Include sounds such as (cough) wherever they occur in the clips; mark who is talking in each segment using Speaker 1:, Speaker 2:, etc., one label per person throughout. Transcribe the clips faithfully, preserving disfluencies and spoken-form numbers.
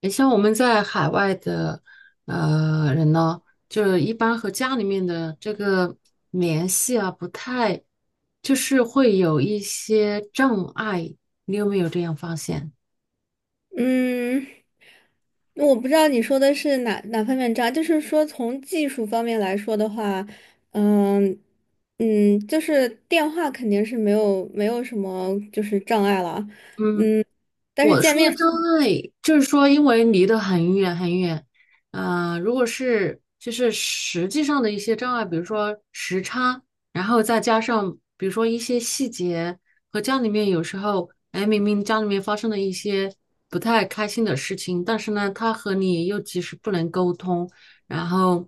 Speaker 1: 你像我们在海外的呃人呢，就是一般和家里面的这个联系啊，不太，就是会有一些障碍。你有没有这样发现？
Speaker 2: 嗯，我不知道你说的是哪哪方面渣，就是说从技术方面来说的话，嗯嗯，就是电话肯定是没有没有什么就是障碍了，
Speaker 1: 嗯。
Speaker 2: 但是
Speaker 1: 我
Speaker 2: 见
Speaker 1: 说的障
Speaker 2: 面。
Speaker 1: 碍就是说，因为离得很远很远，呃，如果是就是实际上的一些障碍，比如说时差，然后再加上比如说一些细节和家里面有时候，哎，明明家里面发生了一些不太开心的事情，但是呢，他和你又及时不能沟通，然后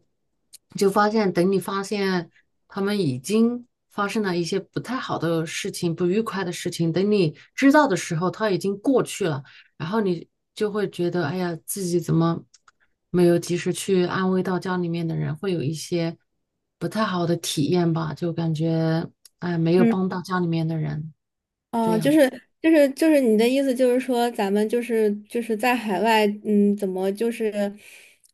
Speaker 1: 就发现，等你发现他们已经发生了一些不太好的事情、不愉快的事情，等你知道的时候，他已经过去了，然后你就会觉得，哎呀，自己怎么没有及时去安慰到家里面的人，会有一些不太好的体验吧，就感觉哎，没有帮
Speaker 2: 嗯。
Speaker 1: 到家里面的人，这
Speaker 2: 哦，就
Speaker 1: 样
Speaker 2: 是
Speaker 1: 子。
Speaker 2: 就是就是你的意思就是说，咱们就是就是在海外，嗯，怎么就是，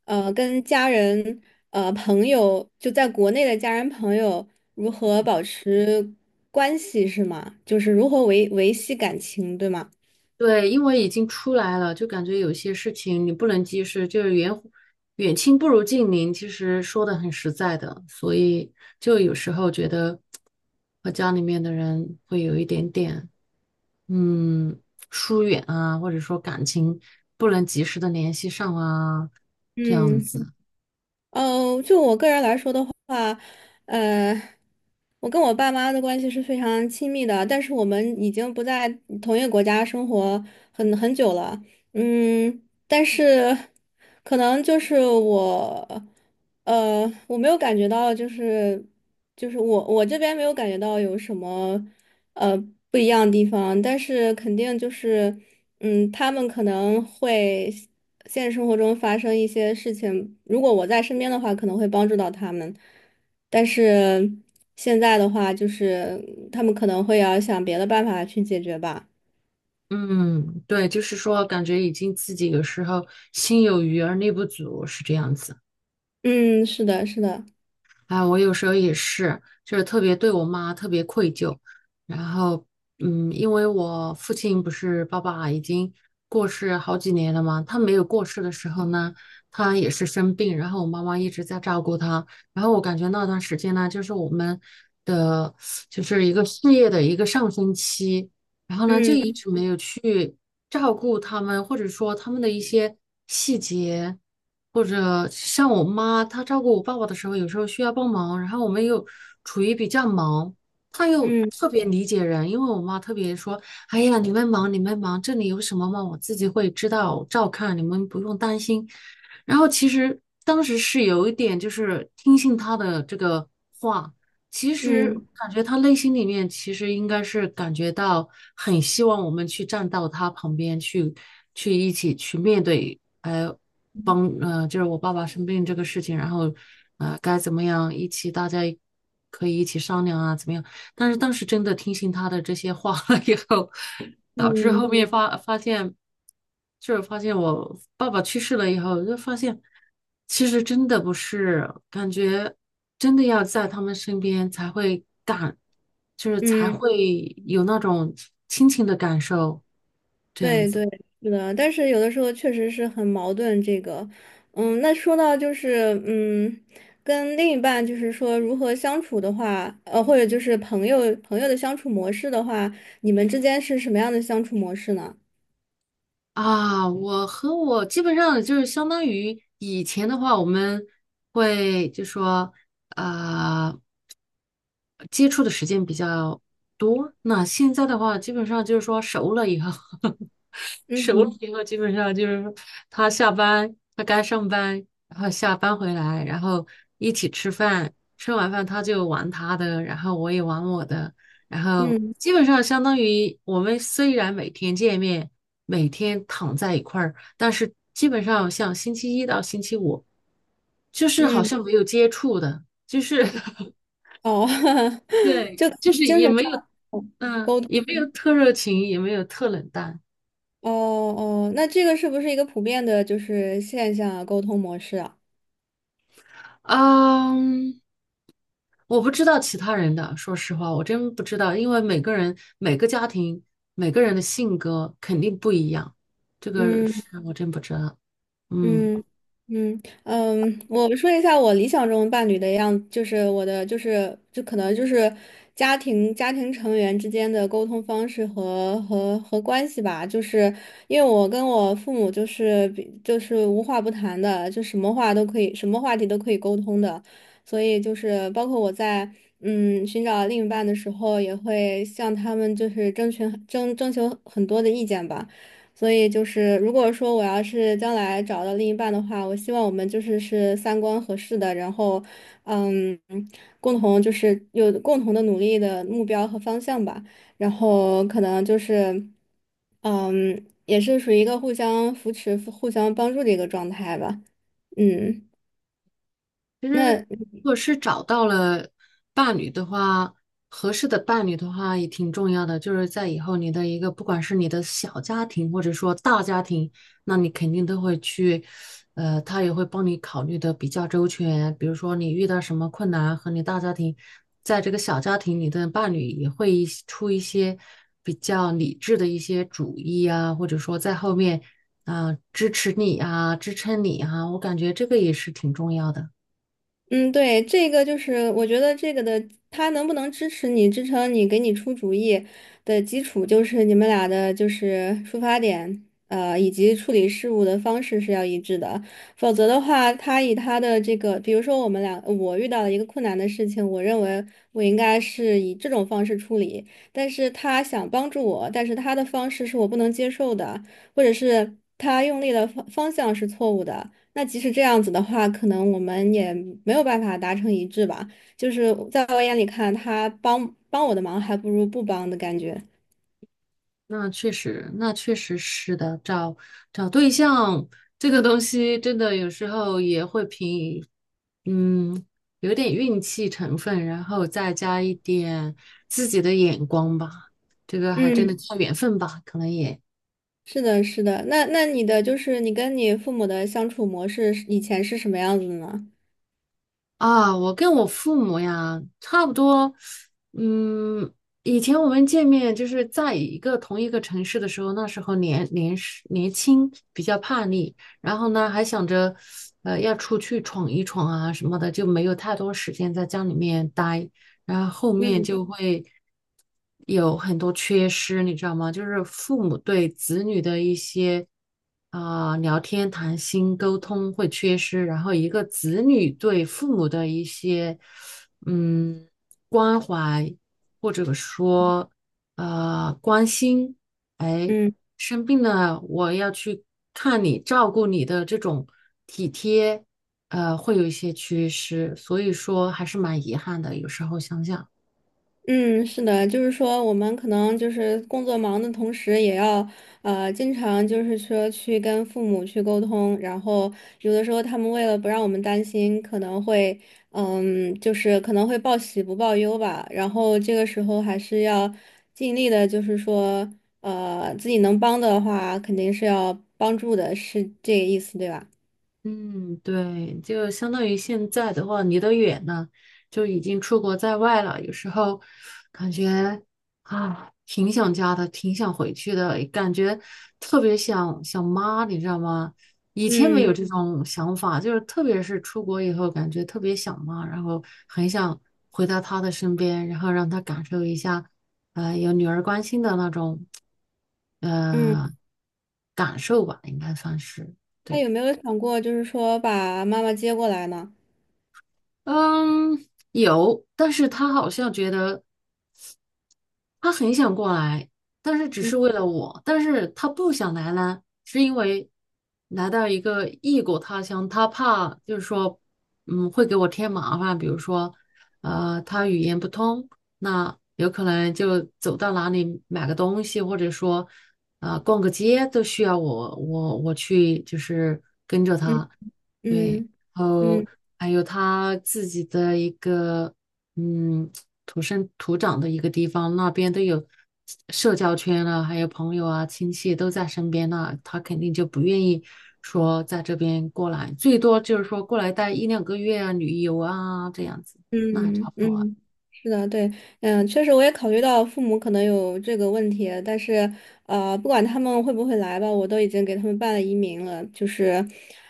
Speaker 2: 呃，跟家人、呃朋友，就在国内的家人朋友如何保持关系是吗？就是如何维维系感情，对吗？
Speaker 1: 对，因为已经出来了，就感觉有些事情你不能及时，就是远远亲不如近邻，其实说的很实在的，所以就有时候觉得和家里面的人会有一点点嗯疏远啊，或者说感情不能及时的联系上啊，这样嗯
Speaker 2: 嗯。
Speaker 1: 子。
Speaker 2: 哦，就我个人来说的话，呃，我跟我爸妈的关系是非常亲密的，但是我们已经不在同一个国家生活很很久了。嗯，但是可能就是我，呃，我没有感觉到，就是就是我我这边没有感觉到有什么呃不一样的地方，但是肯定就是，嗯，他们可能会现实生活中发生一些事情，如果我在身边的话，可能会帮助到他们，但是现在的话，就是他们可能会要想别的办法去解决吧。
Speaker 1: 嗯，对，就是说感觉已经自己有时候心有余而力不足，是这样子。
Speaker 2: 嗯，是的，是的，
Speaker 1: 哎，我有时候也是，就是特别对我妈特别愧疚。然后，嗯，因为我父亲不是爸爸已经过世好几年了嘛，他没有过世的时候呢，他也是生病，然后我妈妈一直在照顾他。然后我感觉那段时间呢，就是我们的就是一个事业的一个上升期，然后呢就一
Speaker 2: 嗯
Speaker 1: 直没有去照顾他们，或者说他们的一些细节。或者像我妈，她照顾我爸爸的时候，有时候需要帮忙，然后我们又处于比较忙，她又
Speaker 2: 嗯
Speaker 1: 特别理解人，因为我妈特别说："哎呀，你们忙，你们忙，这里有什么嘛，我自己会知道，照看，你们不用担心。"然后其实当时是有一点就是听信她的这个话，其实
Speaker 2: 嗯
Speaker 1: 感觉她内心里面其实应该是感觉到很希望我们去站到她旁边去，去一起去面对。呃帮呃，就是我爸爸生病这个事情，然后呃该怎么样一起大家可以一起商量啊，怎么样？但是当时真的听信他的这些话了以后，导致后
Speaker 2: 嗯
Speaker 1: 面发发现，就是发现我爸爸去世了以后，就发现其实真的不是，感觉真的要在他们身边才会感，就是才
Speaker 2: 嗯。
Speaker 1: 会有那种亲情的感受，这样
Speaker 2: 对
Speaker 1: 子。
Speaker 2: 对，是的，但是有的时候确实是很矛盾。这个，嗯，那说到就是，嗯，跟另一半就是说如何相处的话，呃，或者就是朋友朋友的相处模式的话，你们之间是什么样的相处模式呢？
Speaker 1: 啊，我和我基本上就是相当于以前的话，我们会就说，呃，接触的时间比较多。那现在的话，基本上就是说熟了以后，(laughs) 熟了
Speaker 2: 嗯
Speaker 1: 以后，基本上就是说他下班，他该上班，然后下班回来，然后一起吃饭，吃完饭他就玩他的，然后我也玩我的，然后
Speaker 2: 嗯
Speaker 1: 基本上相当于我们虽然每天见面，每天躺在一块儿，但是基本上像星期一到星期五，就是好
Speaker 2: 嗯，
Speaker 1: 像没有接触的，就是 (laughs)
Speaker 2: 哦，(laughs)
Speaker 1: 对，
Speaker 2: 就可
Speaker 1: 就是
Speaker 2: 能精
Speaker 1: 也
Speaker 2: 神
Speaker 1: 没有，
Speaker 2: 上
Speaker 1: 嗯，
Speaker 2: 沟通。
Speaker 1: 也没有特热情，也没有特冷淡，
Speaker 2: 哦哦，那这个是不是一个普遍的就是现象啊沟通模式啊？
Speaker 1: 嗯，我不知道其他人的，说实话，我真不知道，因为每个人、每个家庭、每个人的性格肯定不一样，这个
Speaker 2: 嗯。
Speaker 1: 是我真不知道，嗯。
Speaker 2: 嗯嗯嗯，我说一下我理想中伴侣的样，就是我的就是就可能就是家庭家庭成员之间的沟通方式和和和关系吧，就是因为我跟我父母就是比就是无话不谈的，就什么话都可以，什么话题都可以沟通的，所以就是包括我在嗯寻找另一半的时候，也会向他们就是征询征征求很多的意见吧。所以就是，如果说我要是将来找到另一半的话，我希望我们就是是三观合适的，然后，嗯，共同就是有共同的努力的目标和方向吧，然后可能就是，嗯，也是属于一个互相扶持、互相帮助的一个状态吧，嗯。
Speaker 1: 其实，如
Speaker 2: 那
Speaker 1: 果是找到了伴侣的话，合适的伴侣的话也挺重要的。就是在以后你的一个，不管是你的小家庭或者说大家庭，那你肯定都会去，呃，他也会帮你考虑的比较周全。比如说你遇到什么困难，和你大家庭，在这个小家庭里的伴侣也会一出一些比较理智的一些主意啊，或者说在后面啊，支持你啊，支撑你啊，我感觉这个也是挺重要的。
Speaker 2: 嗯，对，这个就是我觉得这个的，他能不能支持你、支撑你、给你出主意的基础，就是你们俩的就是出发点，呃，以及处理事务的方式是要一致的。否则的话，他以他的这个，比如说我们俩，我遇到了一个困难的事情，我认为我应该是以这种方式处理，但是他想帮助我，但是他的方式是我不能接受的，或者是他用力的方方向是错误的。那即使这样子的话，可能我们也没有办法达成一致吧。就是在我眼里看，他帮帮我的忙，还不如不帮的感觉。
Speaker 1: 那确实，那确实是的。找找对象这个东西，真的有时候也会凭，嗯，有点运气成分，然后再加一点自己的眼光吧。这个还真
Speaker 2: 嗯，
Speaker 1: 的靠缘分吧，可能也。
Speaker 2: 是的，是的。那那你的就是你跟你父母的相处模式是以前是什么样子的呢？
Speaker 1: 啊，我跟我父母呀，差不多，嗯，以前我们见面就是在一个同一个城市的时候，那时候年年是年轻，比较叛逆，然后呢还想着，呃，要出去闯一闯啊什么的，就没有太多时间在家里面待。然后后面
Speaker 2: 嗯
Speaker 1: 就会有很多缺失，你知道吗？就是父母对子女的一些啊、聊天、谈心、沟通会缺失，然后一个子女对父母的一些嗯关怀或者说呃关心，哎，
Speaker 2: 嗯。
Speaker 1: 生病了我要去看你，照顾你的这种体贴。呃，会有一些缺失，所以说还是蛮遗憾的。有时候想想，
Speaker 2: 嗯，是的，就是说我们可能就是工作忙的同时，也要呃经常就是说去跟父母去沟通，然后有的时候他们为了不让我们担心，可能会嗯就是可能会报喜不报忧吧，然后这个时候还是要尽力的，就是说呃自己能帮的话，肯定是要帮助的，是这个意思对吧？
Speaker 1: 嗯，对，就相当于现在的话，离得远呢，就已经出国在外了。有时候感觉啊，挺想家的，挺想回去的，感觉特别想想妈，你知道吗？以前没
Speaker 2: 嗯
Speaker 1: 有这嗯种想法，就是特别是出国以后，感觉特别想妈，然后很想回到她的身边，然后让她感受一下，呃，有女儿关心的那种。
Speaker 2: 嗯，
Speaker 1: 呃感受吧，应该算是
Speaker 2: 那
Speaker 1: 对。
Speaker 2: 有没有想过就是说把妈妈接过来呢？
Speaker 1: 嗯，有，但是他好像觉得他很想过来，但是只
Speaker 2: 嗯
Speaker 1: 是为了我，但是他不想来呢，是因为来到一个异国他乡，他怕就是说，嗯，会给我添麻烦，比如说，呃，他语言不通，那有可能就走到哪里买个东西，或者说。啊呃逛个街都需要我我我去，就是
Speaker 2: 嗯嗯。
Speaker 1: 对，
Speaker 2: 嗯
Speaker 1: 然后还有他自己的一个嗯土生土长的一个地方，那边都有社交圈了，还有朋友啊、亲戚都在身边那他肯定就不愿意说在这边过来，最多就是说过来待一两个月啊、旅游啊这样子，那还差
Speaker 2: 嗯
Speaker 1: 不多啊。
Speaker 2: 嗯，是的，对，嗯，确实我也考虑到父母可能有这个问题，但是呃，不管他们会不会来吧，我都已经给他们办了移民了，就是，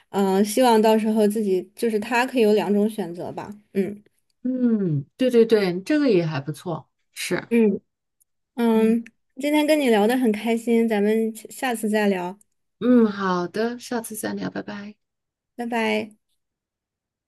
Speaker 2: 嗯、希望到时候自己就是他可以有两种选择吧，嗯
Speaker 1: 嗯，对对对，这个也还不错，是，
Speaker 2: 嗯
Speaker 1: 嗯
Speaker 2: 嗯，今天跟你聊得很开心，咱们下次再聊，
Speaker 1: 嗯，好的，下次再聊，拜拜。
Speaker 2: 拜拜。